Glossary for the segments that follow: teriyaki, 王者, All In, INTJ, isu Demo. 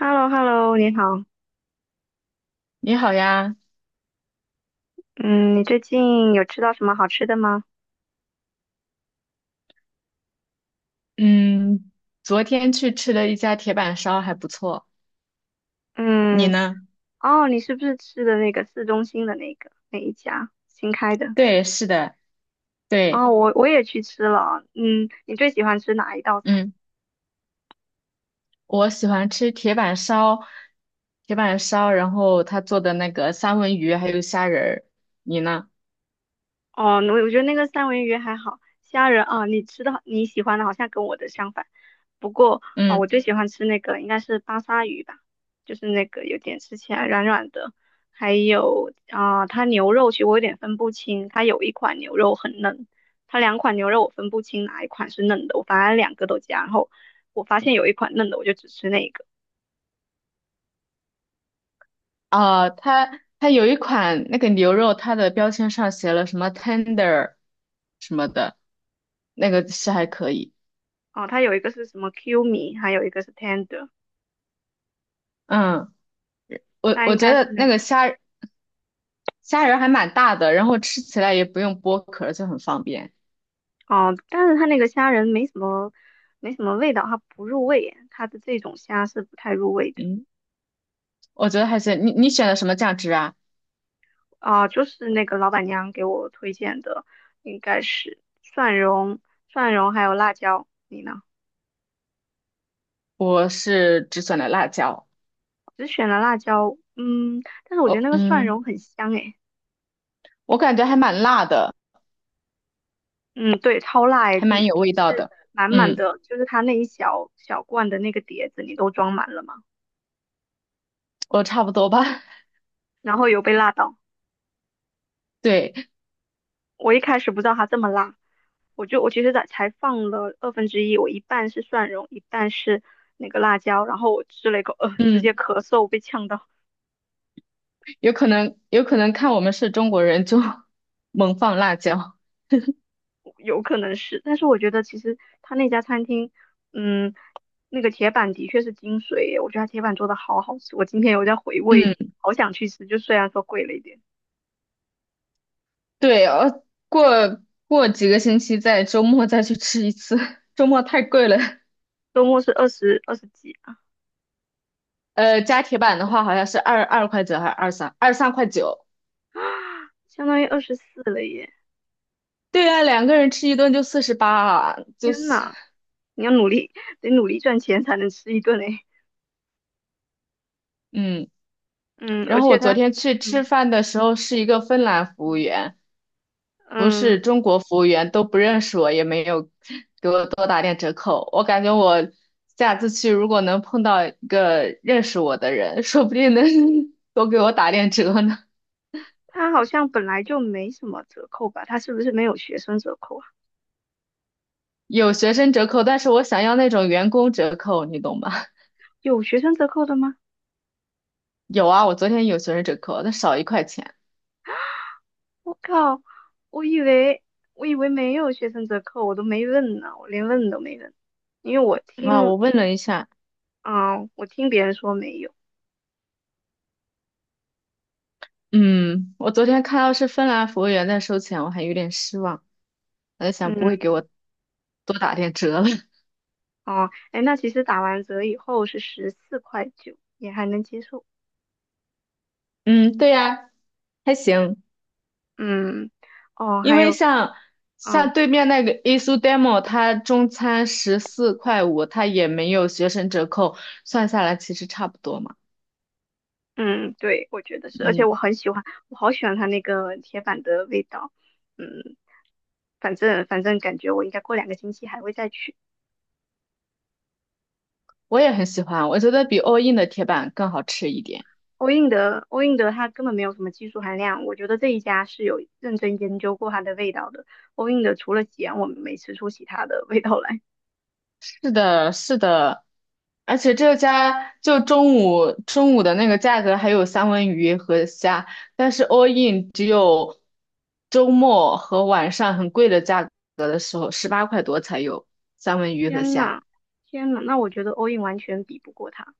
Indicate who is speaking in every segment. Speaker 1: h e l l o h e l l o 你好。
Speaker 2: 你好呀。
Speaker 1: 嗯，你最近有吃到什么好吃的吗？
Speaker 2: 嗯，昨天去吃了一家铁板烧，还不错。你
Speaker 1: 嗯，
Speaker 2: 呢？
Speaker 1: 哦，你是不是吃的那个市中心的那个那一家新开的？
Speaker 2: 对，是的，对。
Speaker 1: 哦，我也去吃了。嗯，你最喜欢吃哪一道菜？
Speaker 2: 嗯，我喜欢吃铁板烧,然后他做的那个三文鱼还有虾仁儿。你呢？
Speaker 1: 哦，那我觉得那个三文鱼还好，虾仁啊，你喜欢的好像跟我的相反。不过啊，我
Speaker 2: 嗯。
Speaker 1: 最喜欢吃那个应该是巴沙鱼吧，就是那个有点吃起来软软的，还有啊，它牛肉其实我有点分不清，它有一款牛肉很嫩，它两款牛肉我分不清哪一款是嫩的，我反正两个都加，然后我发现有一款嫩的我就只吃那个，
Speaker 2: 哦，他有一款那个牛肉，它的标签上写了什么 tender 什么的，那个是还可以。
Speaker 1: 哦，它有一个是什么 Q 米，还有一个是 tender，
Speaker 2: 嗯，我
Speaker 1: 那
Speaker 2: 我
Speaker 1: 应
Speaker 2: 觉
Speaker 1: 该是
Speaker 2: 得那个
Speaker 1: 那。
Speaker 2: 虾仁还蛮大的，然后吃起来也不用剥壳就很方便。
Speaker 1: 哦，但是它那个虾仁没什么味道，它不入味，它的这种虾是不太入味的
Speaker 2: 嗯。我觉得还是你选的什么酱汁啊？
Speaker 1: 啊。就是那个老板娘给我推荐的，应该是蒜蓉还有辣椒。你呢？
Speaker 2: 我是只选了辣椒。
Speaker 1: 只选了辣椒，但是我觉得
Speaker 2: 哦，
Speaker 1: 那个蒜
Speaker 2: 嗯，
Speaker 1: 蓉很香诶，
Speaker 2: 我感觉还蛮辣的，
Speaker 1: 嗯，对，超辣
Speaker 2: 还
Speaker 1: 诶，
Speaker 2: 蛮有味道
Speaker 1: 是
Speaker 2: 的。
Speaker 1: 满满
Speaker 2: 嗯，
Speaker 1: 的，就是它那一小小罐的那个碟子，你都装满了吗？
Speaker 2: 我差不多吧。
Speaker 1: 然后有被辣到，
Speaker 2: 对。
Speaker 1: 我一开始不知道它这么辣。我其实才放了二分之一，我一半是蒜蓉，一半是那个辣椒，然后我吃了一口，直接
Speaker 2: 嗯，
Speaker 1: 咳嗽被呛到，
Speaker 2: 有可能看我们是中国人就 猛放辣椒。
Speaker 1: 有可能是，但是我觉得其实他那家餐厅，嗯，那个铁板的确是精髓耶，我觉得他铁板做的好好吃，我今天有在回味，
Speaker 2: 嗯，
Speaker 1: 好想去吃，就虽然说贵了一点，
Speaker 2: 对。过过几个星期再周末再去吃一次，周末太贵了。
Speaker 1: 周末是二十几啊，
Speaker 2: 加铁板的话好像是二块九还是二三块九。
Speaker 1: 相当于24了耶，
Speaker 2: 对啊，两个人吃一顿就48啊，就
Speaker 1: 天
Speaker 2: 是
Speaker 1: 呐，你要努力，得努力赚钱才能吃一顿诶，
Speaker 2: 嗯。
Speaker 1: 嗯，
Speaker 2: 然
Speaker 1: 而
Speaker 2: 后我
Speaker 1: 且他，
Speaker 2: 昨天去吃
Speaker 1: 嗯
Speaker 2: 饭的时候是一个芬兰服务
Speaker 1: 嗯。
Speaker 2: 员，不
Speaker 1: 嗯
Speaker 2: 是中国服务员，都不认识我，也没有给我多打点折扣。我感觉我下次去如果能碰到一个认识我的人，说不定能 多给我打点折呢。
Speaker 1: 它好像本来就没什么折扣吧？它是不是没有学生折扣啊？
Speaker 2: 有学生折扣，但是我想要那种员工折扣，你懂吧？
Speaker 1: 有学生折扣的吗？
Speaker 2: 有啊，我昨天有学生折扣，但少一块钱
Speaker 1: 我靠，我以为我以为没有学生折扣，我都没问呢，我连问都没问，因为我
Speaker 2: 啊。
Speaker 1: 听，
Speaker 2: 我问了一下。
Speaker 1: 啊，我听别人说没有，
Speaker 2: 嗯，我昨天看到是芬兰服务员在收钱，我还有点失望。我在想，不会给我
Speaker 1: 嗯，
Speaker 2: 多打点折了。
Speaker 1: 哦，哎，那其实打完折以后是14块9，也还能接受，
Speaker 2: 嗯，对呀，还行。
Speaker 1: 嗯，哦，
Speaker 2: 因
Speaker 1: 还
Speaker 2: 为
Speaker 1: 有，
Speaker 2: 像
Speaker 1: 嗯
Speaker 2: 像对面那个 i s u Demo,它中餐14块5，它也没有学生折扣，算下来其实差不多嘛。
Speaker 1: 嗯，对，我觉得是，而且
Speaker 2: 嗯，
Speaker 1: 我很喜欢，我好喜欢它那个铁板的味道，嗯，反正感觉我应该过2个星期还会再去。
Speaker 2: 我也很喜欢，我觉得比 All In 的铁板更好吃一点。
Speaker 1: 欧印的它根本没有什么技术含量，我觉得这一家是有认真研究过它的味道的。欧印的除了咸，我没吃出其他的味道来。
Speaker 2: 是的，是的，而且这家就中午的那个价格还有三文鱼和虾，但是 all in 只有周末和晚上很贵的价格的时候，18块多才有三文 鱼和
Speaker 1: 天
Speaker 2: 虾。
Speaker 1: 呐，天呐，那我觉得欧印完全比不过它，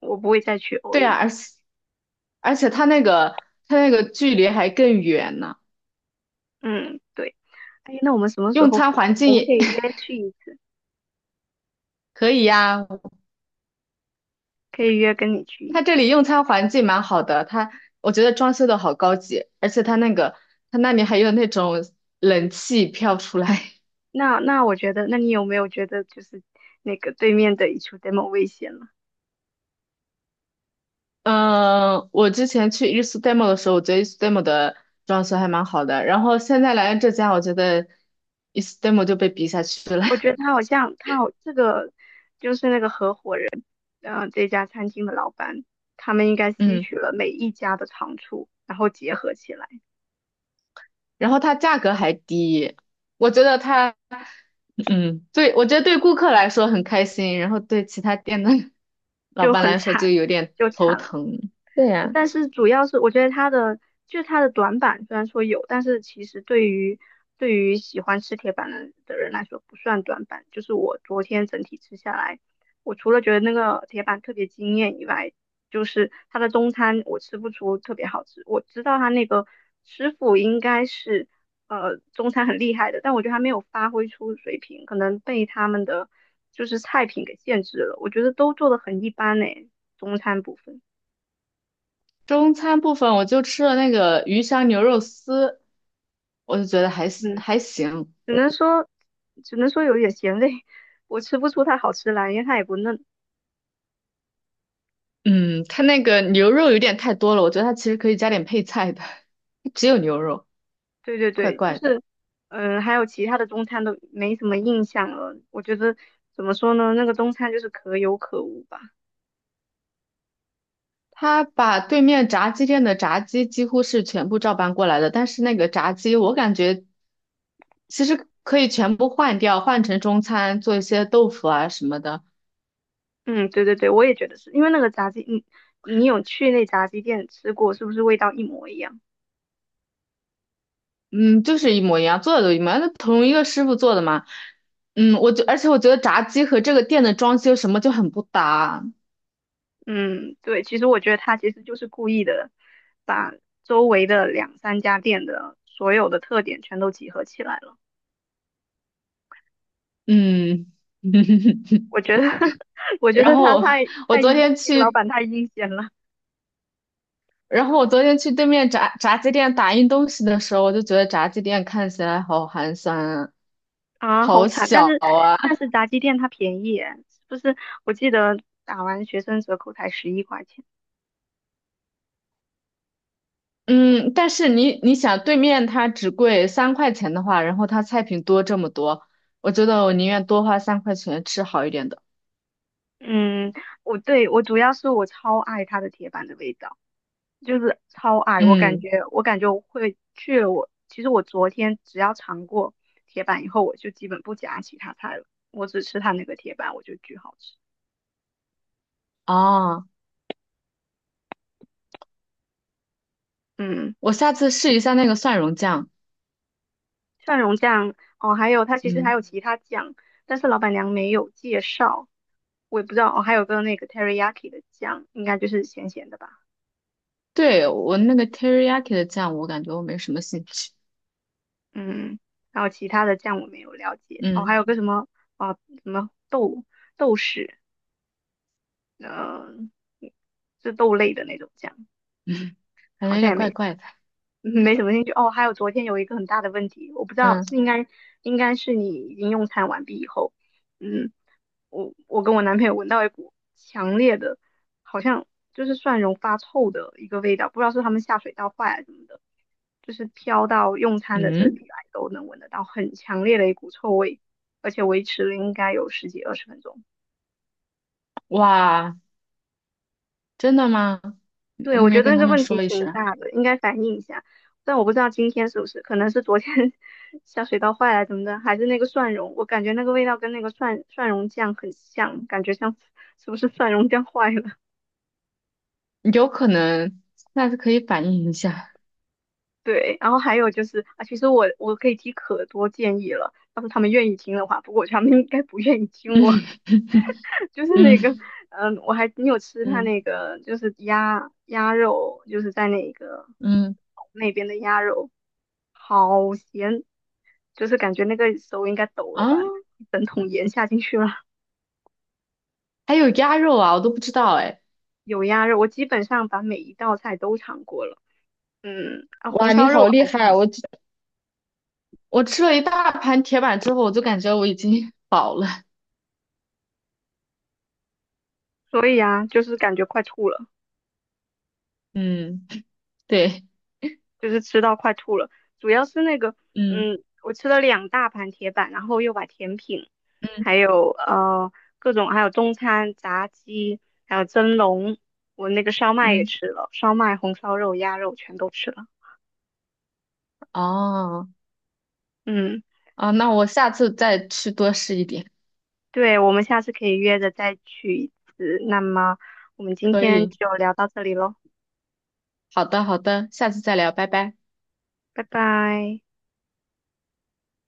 Speaker 1: 我不会再去欧
Speaker 2: 对啊，
Speaker 1: 印了。
Speaker 2: 而且它那个距离还更远呢。
Speaker 1: 嗯，对。哎，那我们什么时
Speaker 2: 用
Speaker 1: 候
Speaker 2: 餐
Speaker 1: 可以？
Speaker 2: 环境
Speaker 1: 我们可
Speaker 2: 也
Speaker 1: 以约 去一
Speaker 2: 可以呀、
Speaker 1: 可以约跟你去
Speaker 2: 它
Speaker 1: 一
Speaker 2: 这里用餐环境蛮好的。我觉得装修的好高级，而且它那里还有那种冷气飘出来。
Speaker 1: 那那我觉得，那你有没有觉得就是那个对面的一处 demo 危险了？
Speaker 2: 嗯，我之前去 i s u d e m o 的时候，我觉得 i s u d e m o 的装修还蛮好的，然后现在来了这家，我觉得 i s u d e m o 就被比下去了。
Speaker 1: 我觉得 他好像这个就是那个合伙人，这家餐厅的老板，他们应该吸
Speaker 2: 嗯，
Speaker 1: 取了每一家的长处，然后结合起来，
Speaker 2: 然后它价格还低。我觉得它嗯，对，我觉得对顾客来说很开心，然后对其他店的 老
Speaker 1: 就
Speaker 2: 板
Speaker 1: 很
Speaker 2: 来说就
Speaker 1: 惨，
Speaker 2: 有点
Speaker 1: 就
Speaker 2: 头
Speaker 1: 惨了。
Speaker 2: 疼。对呀。
Speaker 1: 但是主要是我觉得他的短板，虽然说有，但是其实对于喜欢吃铁板的人来说不算短板。就是我昨天整体吃下来，我除了觉得那个铁板特别惊艳以外，就是他的中餐我吃不出特别好吃。我知道他那个师傅应该是中餐很厉害的，但我觉得他没有发挥出水平，可能被他们的就是菜品给限制了。我觉得都做的很一般呢，中餐部分。
Speaker 2: 中餐部分我就吃了那个鱼香牛肉丝，我就觉得还行
Speaker 1: 嗯。
Speaker 2: 还行。
Speaker 1: 只能说，只能说，有点咸味，我吃不出它好吃来，因为它也不嫩。
Speaker 2: 嗯，它那个牛肉有点太多了，我觉得它其实可以加点配菜的，只有牛肉，
Speaker 1: 对对
Speaker 2: 怪
Speaker 1: 对，就
Speaker 2: 怪的。
Speaker 1: 是，嗯，还有其他的中餐都没什么印象了。我觉得怎么说呢，那个中餐就是可有可无吧。
Speaker 2: 他把对面炸鸡店的炸鸡几乎是全部照搬过来的，但是那个炸鸡我感觉其实可以全部换掉，换成中餐，做一些豆腐啊什么的。
Speaker 1: 嗯，对对对，我也觉得是因为那个炸鸡，你有去那炸鸡店吃过，是不是味道一模一样？
Speaker 2: 嗯，就是一模一样，做的都一模一样，那同一个师傅做的嘛。嗯，而且我觉得炸鸡和这个店的装修什么就很不搭。
Speaker 1: 嗯，对，其实我觉得他其实就是故意的，把周围的两三家店的所有的特点全都集合起来了。
Speaker 2: 嗯，
Speaker 1: 我觉得 我觉
Speaker 2: 然
Speaker 1: 得他
Speaker 2: 后
Speaker 1: 太
Speaker 2: 我
Speaker 1: 太
Speaker 2: 昨天
Speaker 1: 那个老
Speaker 2: 去，
Speaker 1: 板太阴险了
Speaker 2: 然后我昨天去对面炸鸡店打印东西的时候，我就觉得炸鸡店看起来好寒酸啊，
Speaker 1: 啊，好
Speaker 2: 好
Speaker 1: 惨！但
Speaker 2: 小
Speaker 1: 是
Speaker 2: 啊。
Speaker 1: 但是炸鸡店它便宜耶，是不是？我记得打完学生折扣才11块钱。
Speaker 2: 嗯，但是你想，对面它只贵三块钱的话，然后它菜品多这么多，我觉得我宁愿多花三块钱吃好一点的。
Speaker 1: 嗯，我主要是我超爱它的铁板的味道，就是超爱。我感
Speaker 2: 嗯，
Speaker 1: 觉我感觉我会去了。其实我昨天只要尝过铁板以后，我就基本不夹其他菜了，我只吃它那个铁板，我就巨好吃。
Speaker 2: 啊。
Speaker 1: 嗯。
Speaker 2: 我下次试一下那个蒜蓉酱。
Speaker 1: 蒜蓉酱哦，还有它其实还
Speaker 2: 嗯，
Speaker 1: 有其他酱，但是老板娘没有介绍，我也不知道哦，还有个那个 teriyaki 的酱，应该就是咸咸的吧，
Speaker 2: 对，我那个 teriyaki 的酱，我感觉我没什么兴趣。
Speaker 1: 嗯，然后其他的酱我没有了解，哦，还
Speaker 2: 嗯。
Speaker 1: 有个啊、什么豆豉，嗯、是豆类的那种酱，
Speaker 2: 嗯，感觉
Speaker 1: 好
Speaker 2: 有
Speaker 1: 像
Speaker 2: 点
Speaker 1: 也
Speaker 2: 怪
Speaker 1: 没
Speaker 2: 怪的。
Speaker 1: 嗯没什么兴趣。哦，还有昨天有一个很大的问题，我不知道
Speaker 2: 嗯。
Speaker 1: 是应该是你已经用餐完毕以后，嗯，我跟我男朋友闻到一股强烈的，好像就是蒜蓉发臭的一个味道，不知道是他们下水道坏了什么的，就是飘到用餐的这
Speaker 2: 嗯。
Speaker 1: 里来都能闻得到很强烈的一股臭味，而且维持了应该有十几二十分钟。
Speaker 2: 哇，真的吗？你
Speaker 1: 对，
Speaker 2: 你
Speaker 1: 我
Speaker 2: 没
Speaker 1: 觉
Speaker 2: 跟
Speaker 1: 得
Speaker 2: 他
Speaker 1: 这
Speaker 2: 们
Speaker 1: 问题
Speaker 2: 说一
Speaker 1: 挺
Speaker 2: 声？
Speaker 1: 大的，应该反映一下。但我不知道今天是不是，可能是昨天 下水道坏了怎么的，还是那个蒜蓉，我感觉那个味道跟那个蒜蓉酱很像，感觉像 是不是蒜蓉酱坏了？
Speaker 2: 有可能，下次可以反映一下。
Speaker 1: 对，然后还有就是啊，其实我可以提可多建议了，要是他们愿意听的话，不过我觉得他们应该不愿意听我，
Speaker 2: 嗯。
Speaker 1: 就是那个，
Speaker 2: 嗯。
Speaker 1: 你有吃他
Speaker 2: 嗯。
Speaker 1: 那个就是鸭肉，就是在那个
Speaker 2: 嗯。
Speaker 1: 那边的鸭肉，好咸，就是感觉那个手应该抖
Speaker 2: 啊，
Speaker 1: 了吧，一整桶盐下进去了，
Speaker 2: 还有鸭肉啊，我都不知道哎。
Speaker 1: 有鸭肉，我基本上把每一道菜都尝过了，嗯，啊，红
Speaker 2: 哇，你
Speaker 1: 烧肉我
Speaker 2: 好厉
Speaker 1: 还是
Speaker 2: 害！
Speaker 1: 很喜，
Speaker 2: 我吃了一大盘铁板之后，我就感觉我已经饱了。
Speaker 1: 所以啊，就是感觉快吐了。
Speaker 2: 嗯，对。
Speaker 1: 就是吃到快吐了。主要是那个，
Speaker 2: 嗯。
Speaker 1: 嗯，我吃了2大盘铁板，然后又把甜品，还
Speaker 2: 嗯。
Speaker 1: 有各种，还有中餐、炸鸡，还有蒸笼，我那个烧麦也
Speaker 2: 嗯。
Speaker 1: 吃了，烧麦、红烧肉、鸭肉全都吃了。
Speaker 2: 哦，
Speaker 1: 嗯，
Speaker 2: 啊，那我下次再去多试一点。
Speaker 1: 对，我们下次可以约着再去一次。那么我们今
Speaker 2: 可
Speaker 1: 天
Speaker 2: 以，
Speaker 1: 就聊到这里喽，
Speaker 2: 好的，好的，下次再聊，拜拜。
Speaker 1: 拜拜。